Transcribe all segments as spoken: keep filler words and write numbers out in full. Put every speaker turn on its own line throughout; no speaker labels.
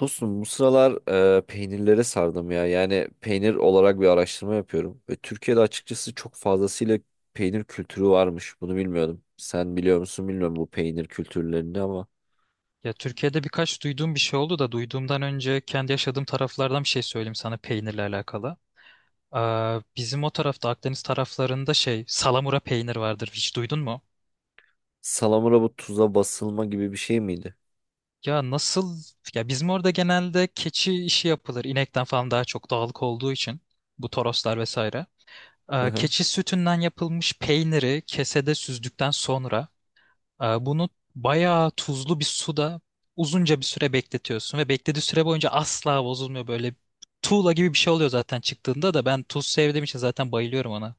Dostum bu sıralar e, peynirlere sardım ya. Yani peynir olarak bir araştırma yapıyorum. Ve Türkiye'de açıkçası çok fazlasıyla peynir kültürü varmış. Bunu bilmiyordum. Sen biliyor musun bilmiyorum bu peynir kültürlerini ama
Ya Türkiye'de birkaç duyduğum bir şey oldu da duyduğumdan önce kendi yaşadığım taraflardan bir şey söyleyeyim sana peynirle alakalı. Aa, bizim o tarafta Akdeniz taraflarında şey salamura peynir vardır. Hiç duydun mu?
salamura bu tuza basılma gibi bir şey miydi?
Ya nasıl? Ya bizim orada genelde keçi işi yapılır. İnekten falan daha çok dağlık olduğu için bu toroslar vesaire.
Hı
Aa,
hı.
keçi sütünden yapılmış peyniri kesede süzdükten sonra Ee, bunu bayağı tuzlu bir suda uzunca bir süre bekletiyorsun ve beklediği süre boyunca asla bozulmuyor, böyle tuğla gibi bir şey oluyor zaten, çıktığında da ben tuz sevdiğim için zaten bayılıyorum ona.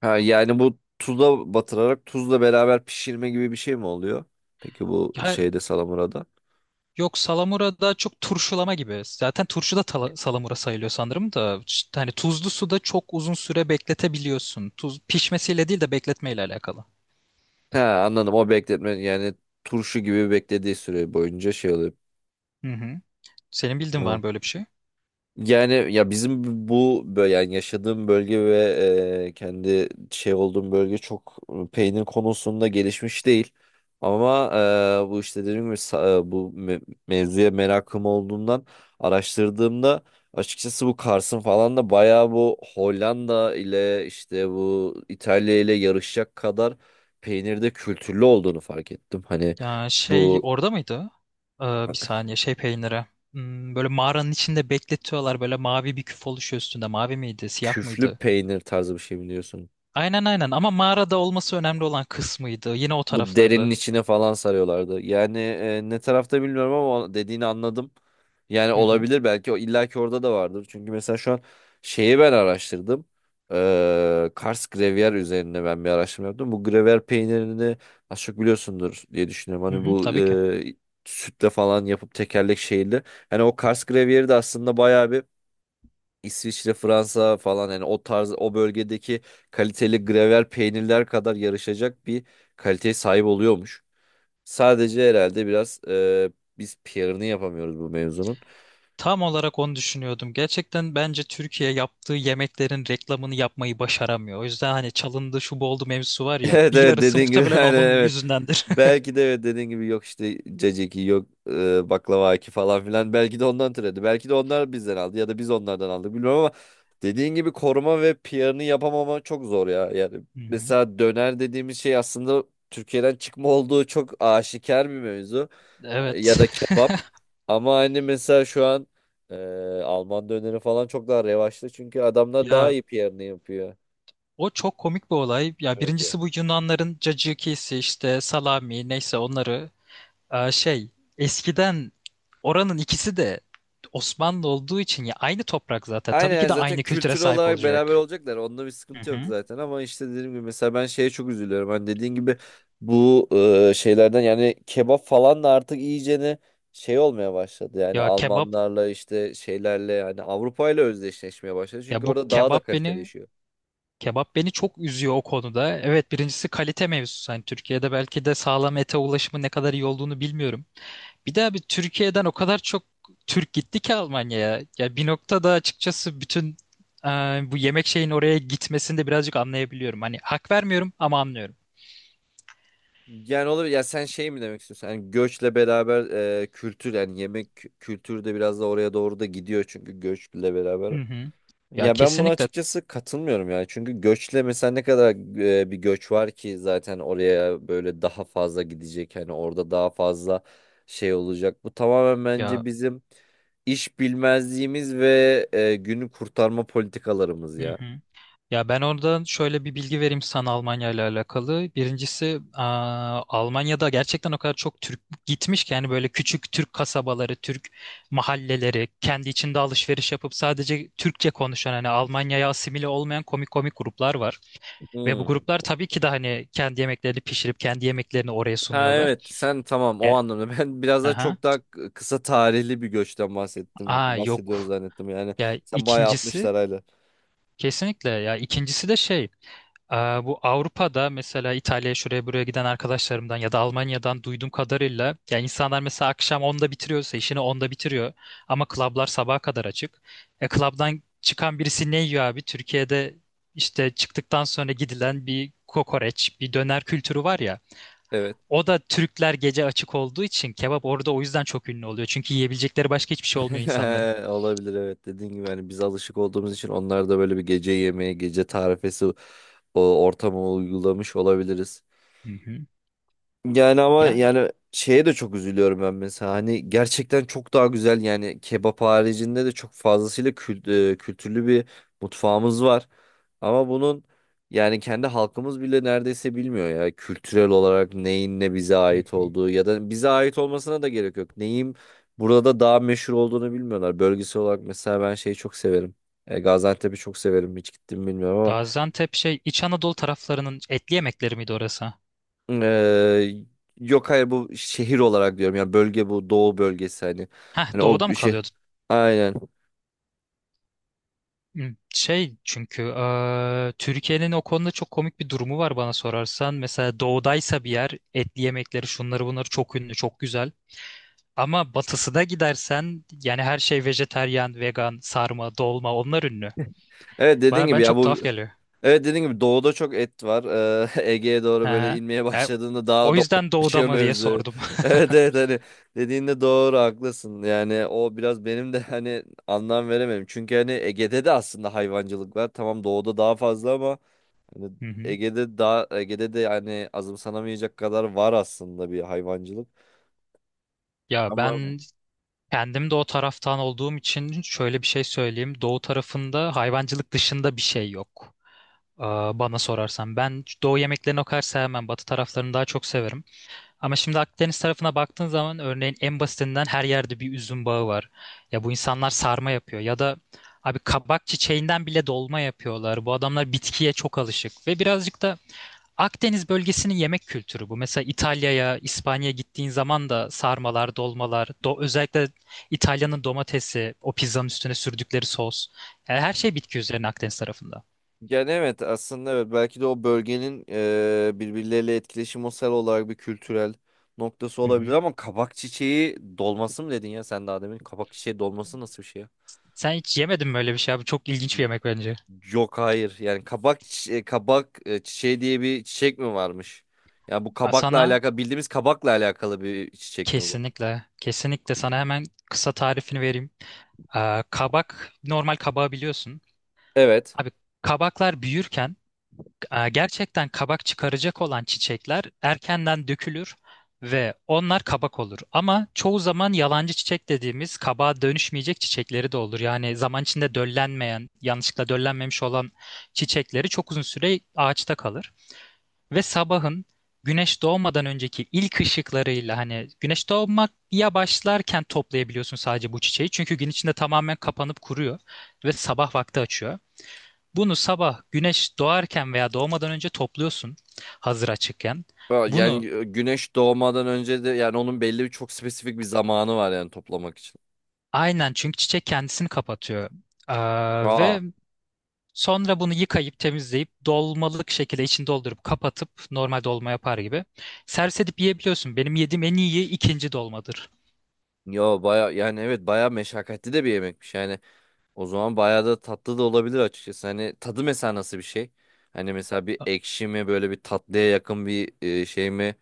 Ha, yani bu tuza batırarak tuzla beraber pişirme gibi bir şey mi oluyor? Peki bu
Ya
şeyde salamurada.
yok, salamura daha çok turşulama gibi. Zaten turşu da tala- salamura sayılıyor sanırım da işte hani tuzlu suda çok uzun süre bekletebiliyorsun. Tuz pişmesiyle değil de bekletmeyle alakalı.
He anladım o bekletme yani turşu gibi beklediği süre boyunca şey
Hı hı. Senin bildiğin var
oluyor.
mı böyle bir şey?
Yani ya bizim bu bö- yani yaşadığım bölge ve e, kendi şey olduğum bölge çok e, peynir konusunda gelişmiş değil. Ama e, bu işte dediğim gibi sa- e, bu me- mevzuya merakım olduğundan araştırdığımda açıkçası bu Kars'ın falan da bayağı bu Hollanda ile işte bu İtalya ile yarışacak kadar peynirde kültürlü olduğunu fark ettim. Hani
Ya şey
bu
orada mıydı? Ee, bir saniye, şey peyniri. Hmm, böyle mağaranın içinde bekletiyorlar, böyle mavi bir küf oluşuyor üstünde. Mavi miydi, siyah
küflü
mıydı?
peynir tarzı bir şey biliyorsun.
Aynen aynen, ama mağarada olması önemli olan kısmıydı. Yine o
Bu derinin
taraflarda.
içine falan sarıyorlardı. Yani e, ne tarafta bilmiyorum ama dediğini anladım. Yani
Hı hı.
olabilir belki o illaki orada da vardır. Çünkü mesela şu an şeyi ben araştırdım. Ee, Kars Gruyère üzerine ben bir araştırma yaptım. Bu Gruyère peynirini az çok biliyorsundur diye düşünüyorum.
Hı
Hani
hı,
bu
tabii ki.
e, sütle falan yapıp tekerlek şeyli. Hani o Kars Gruyère'i de aslında bayağı bir İsviçre, Fransa falan yani o tarz o bölgedeki kaliteli grevel peynirler kadar yarışacak bir kaliteye sahip oluyormuş. Sadece herhalde biraz e, biz P R'ını yapamıyoruz bu mevzunun.
Tam olarak onu düşünüyordum. Gerçekten bence Türkiye yaptığı yemeklerin reklamını yapmayı başaramıyor. O yüzden hani çalındı şu bu oldu mevzusu var ya,
Evet
bir
evet
yarısı
dediğin gibi
muhtemelen
aynen
onun
evet.
yüzündendir.
Belki de evet dediğin gibi yok işte caciki yok e, baklava aki falan filan belki de ondan türedi. Belki de onlar bizden aldı ya da biz onlardan aldık bilmiyorum ama dediğin gibi koruma ve P R'ını yapamama çok zor ya. Yani
Hı hı.
mesela döner dediğimiz şey aslında Türkiye'den çıkma olduğu çok aşikar bir mevzu ya
Evet.
da kebap ama hani mesela şu an e, Alman döneri falan çok daha revaçta çünkü adamlar daha
Ya
iyi P R'ını yapıyor.
O çok komik bir olay. Ya
Evet.
birincisi bu Yunanların cacıkisi işte salami neyse onları e, şey eskiden oranın ikisi de Osmanlı olduğu için ya aynı toprak zaten.
Aynen
Tabii ki
yani
de
zaten
aynı kültüre
kültür
sahip
olarak
olacak.
beraber olacaklar. Onda bir
Hı
sıkıntı yok
hı.
zaten ama işte dediğim gibi mesela ben şeye çok üzülüyorum. Hani dediğin gibi bu e, şeylerden yani kebap falan da artık iyicene şey olmaya başladı. Yani
Ya kebap
Almanlarla işte şeylerle yani Avrupa ile özdeşleşmeye başladı.
ya
Çünkü
bu
orada daha da
kebap beni
kaliteleşiyor.
kebap beni çok üzüyor o konuda. Evet, birincisi kalite mevzusu. Hani Türkiye'de belki de sağlam ete ulaşımı ne kadar iyi olduğunu bilmiyorum. Bir daha bir Türkiye'den o kadar çok Türk gitti ki Almanya'ya. Ya bir noktada açıkçası bütün e, bu yemek şeyin oraya gitmesini de birazcık anlayabiliyorum. Hani hak vermiyorum ama anlıyorum.
Yani olur ya sen şey mi demek istiyorsun? Yani göçle beraber e, kültür yani yemek kültürü de biraz da oraya doğru da gidiyor çünkü göçle beraber.
Hı hı. Ya
Ya ben buna
kesinlikle
açıkçası katılmıyorum yani. Çünkü göçle mesela ne kadar e, bir göç var ki zaten oraya böyle daha fazla gidecek. Hani orada daha fazla şey olacak. Bu tamamen
ya.
bence bizim iş bilmezliğimiz ve e, günü kurtarma politikalarımız
Hı
ya.
hı. Ya ben oradan şöyle bir bilgi vereyim sana Almanya ile alakalı. Birincisi, aa, Almanya'da gerçekten o kadar çok Türk gitmiş ki, yani böyle küçük Türk kasabaları, Türk mahalleleri, kendi içinde alışveriş yapıp sadece Türkçe konuşan, hani Almanya'ya asimile olmayan komik komik gruplar var. Ve bu
Hmm.
gruplar tabii ki de hani kendi yemeklerini pişirip kendi yemeklerini oraya
Ha
sunuyorlar.
evet sen tamam o
E,
anlamda. Ben biraz daha
aha.
çok daha k- kısa tarihli bir göçten
Aa
bahsettim. Bahsediyoruz
Yok.
zannettim yani.
Ya
Sen bayağı
ikincisi
altmışlar hala.
kesinlikle ya ikincisi de şey aa, bu Avrupa'da mesela İtalya'ya şuraya buraya giden arkadaşlarımdan ya da Almanya'dan duyduğum kadarıyla, ya insanlar mesela akşam onda bitiriyorsa işini onda bitiriyor, ama klablar sabaha kadar açık. E, klabdan çıkan birisi ne yiyor abi? Türkiye'de işte çıktıktan sonra gidilen bir kokoreç, bir döner kültürü var ya.
Evet.
O da Türkler gece açık olduğu için kebap orada o yüzden çok ünlü oluyor. Çünkü yiyebilecekleri başka hiçbir şey olmuyor insanların.
Olabilir evet dediğin gibi hani biz alışık olduğumuz için onlar da böyle bir gece yemeği, gece tarifesi o ortama uygulamış olabiliriz.
Hı hı.
Yani ama
Yani.
yani şeye de çok üzülüyorum ben mesela hani gerçekten çok daha güzel yani kebap haricinde de çok fazlasıyla kült e, kültürlü bir mutfağımız var. Ama bunun yani kendi halkımız bile neredeyse bilmiyor ya kültürel olarak neyin ne bize
Hı
ait
hı.
olduğu ya da bize ait olmasına da gerek yok. Neyin burada daha meşhur olduğunu bilmiyorlar. Bölgesel olarak mesela ben şeyi çok severim. E, Gaziantep'i çok severim hiç gittim mi bilmiyorum ama
Gaziantep şey İç Anadolu taraflarının etli yemekleri miydi orası?
Ee, yok hayır bu şehir olarak diyorum yani bölge bu doğu bölgesi hani
Heh,
hani o
doğuda mı
şey
kalıyordu?
aynen
Hmm, şey çünkü eee, Türkiye'nin o konuda çok komik bir durumu var bana sorarsan. Mesela doğudaysa bir yer, etli yemekleri şunları bunları çok ünlü, çok güzel. Ama batısına gidersen yani her şey vejetaryen, vegan, sarma, dolma onlar ünlü.
evet dediğin
Bana ben
gibi ya
çok
bu
tuhaf geliyor.
evet dediğin gibi doğuda çok et var. Ee, Ege'ye doğru böyle inmeye
He.
başladığında
O
daha da
yüzden doğuda
otlaşıyor
mı diye
mevzu.
sordum.
Evet evet hani dediğinde doğru haklısın yani o biraz benim de hani anlam veremem çünkü hani Ege'de de aslında hayvancılık var tamam doğuda daha fazla ama hani
Hı hı.
Ege'de daha Ege'de de yani azımsanamayacak kadar var aslında bir hayvancılık.
Ya
Ama
ben kendim de o taraftan olduğum için şöyle bir şey söyleyeyim. Doğu tarafında hayvancılık dışında bir şey yok. Aa, Bana sorarsan ben doğu yemeklerini o kadar sevmem. Batı taraflarını daha çok severim. Ama şimdi Akdeniz tarafına baktığın zaman örneğin en basitinden her yerde bir üzüm bağı var. Ya bu insanlar sarma yapıyor ya da abi kabak çiçeğinden bile dolma yapıyorlar. Bu adamlar bitkiye çok alışık ve birazcık da Akdeniz bölgesinin yemek kültürü bu. Mesela İtalya'ya, İspanya'ya gittiğin zaman da sarmalar, dolmalar, do özellikle İtalya'nın domatesi, o pizzanın üstüne sürdükleri sos. Yani her şey bitki üzerine Akdeniz tarafında.
yani evet aslında evet belki de o bölgenin e, birbirleriyle etkileşimsel olarak bir kültürel noktası
Hı
olabilir
hı.
ama kabak çiçeği dolması mı dedin ya sen daha demin? Kabak çiçeği dolması nasıl bir şey ya?
Sen hiç yemedin mi öyle bir şey abi? Çok ilginç bir yemek bence.
Yok hayır yani kabak çi- e, kabak e, çiçeği diye bir çiçek mi varmış? Yani bu
Aa,
kabakla
Sana
alakalı bildiğimiz kabakla alakalı bir çiçek mi bu?
kesinlikle, kesinlikle sana hemen kısa tarifini vereyim. Aa, kabak, normal kabağı biliyorsun.
Evet.
Abi kabaklar büyürken, E, gerçekten kabak çıkaracak olan çiçekler erkenden dökülür ve onlar kabak olur. Ama çoğu zaman yalancı çiçek dediğimiz kabağa dönüşmeyecek çiçekleri de olur. Yani zaman içinde döllenmeyen, yanlışlıkla döllenmemiş olan çiçekleri çok uzun süre ağaçta kalır. Ve sabahın güneş doğmadan önceki ilk ışıklarıyla, hani güneş doğmak ya başlarken toplayabiliyorsun sadece bu çiçeği. Çünkü gün içinde tamamen kapanıp kuruyor ve sabah vakti açıyor. Bunu sabah güneş doğarken veya doğmadan önce topluyorsun, hazır açıkken.
Ha,
Bunu
yani e, güneş doğmadan önce de yani onun belli bir çok spesifik bir zamanı var yani toplamak için.
aynen, çünkü çiçek kendisini kapatıyor. Ee,
Aa.
ve sonra bunu yıkayıp temizleyip dolmalık şekilde içini doldurup kapatıp normal dolma yapar gibi servis edip yiyebiliyorsun. Benim yediğim en iyi ikinci dolmadır.
Yo baya yani evet baya meşakkatli de bir yemekmiş yani o zaman baya da tatlı da olabilir açıkçası hani tadı mesela nasıl bir şey hani mesela bir
A-
ekşi mi böyle bir tatlıya yakın bir e, şey mi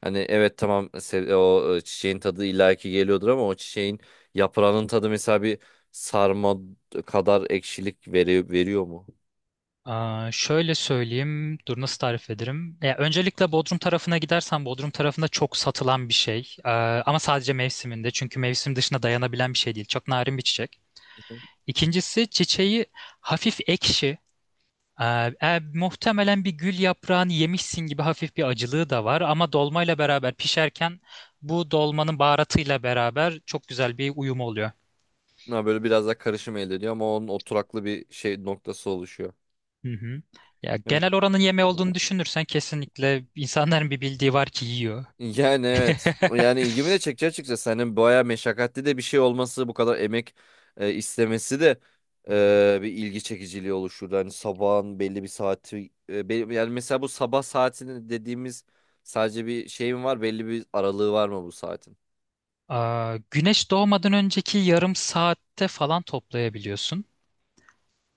hani evet tamam se- o e, çiçeğin tadı illaki geliyordur ama o çiçeğin yaprağının tadı mesela bir sarma kadar ekşilik veriyor, veriyor mu?
Aa, şöyle söyleyeyim. Dur, nasıl tarif ederim? Ya, öncelikle Bodrum tarafına gidersen Bodrum tarafında çok satılan bir şey. Ee, ama sadece mevsiminde. Çünkü mevsim dışında dayanabilen bir şey değil. Çok narin bir çiçek.
Hı.
İkincisi, çiçeği hafif ekşi. Ee, e, Muhtemelen bir gül yaprağını yemişsin gibi hafif bir acılığı da var. Ama dolmayla beraber pişerken bu dolmanın baharatıyla beraber çok güzel bir uyum oluyor.
Ha, böyle biraz daha karışım elde ediyor ama onun oturaklı bir şey noktası oluşuyor.
Hı hı. Ya
Evet.
genel oranın yemeği olduğunu düşünürsen kesinlikle insanların bir bildiği var ki yiyor.
Yani evet.
Hı
Yani ilgimi de çekici açıkçası. Hani bayağı meşakkatli de bir şey olması, bu kadar emek e, istemesi de
hı.
e, bir ilgi çekiciliği oluşturdu. Hani sabahın belli bir saati e, be- yani mesela bu sabah saatini dediğimiz sadece bir şey mi var? Belli bir aralığı var mı bu saatin?
Aa, güneş doğmadan önceki yarım saatte falan toplayabiliyorsun.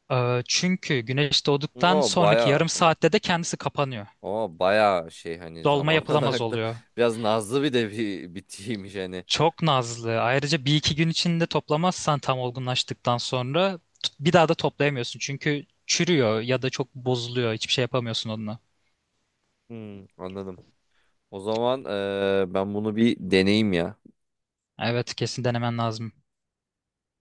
Aa, çünkü güneş doğduktan
O
sonraki
bayağı
yarım
hani
saatte de kendisi kapanıyor.
o bayağı şey hani
Dolma
zaman
yapılamaz
olarak da
oluyor.
biraz nazlı bir de bir bitiymiş hani.
Çok nazlı. Ayrıca bir iki gün içinde toplamazsan tam olgunlaştıktan sonra t- bir daha da toplayamıyorsun. Çünkü çürüyor ya da çok bozuluyor. Hiçbir şey yapamıyorsun onunla.
Hmm, anladım. O zaman e, ben bunu bir deneyeyim ya.
Evet, kesin denemen lazım.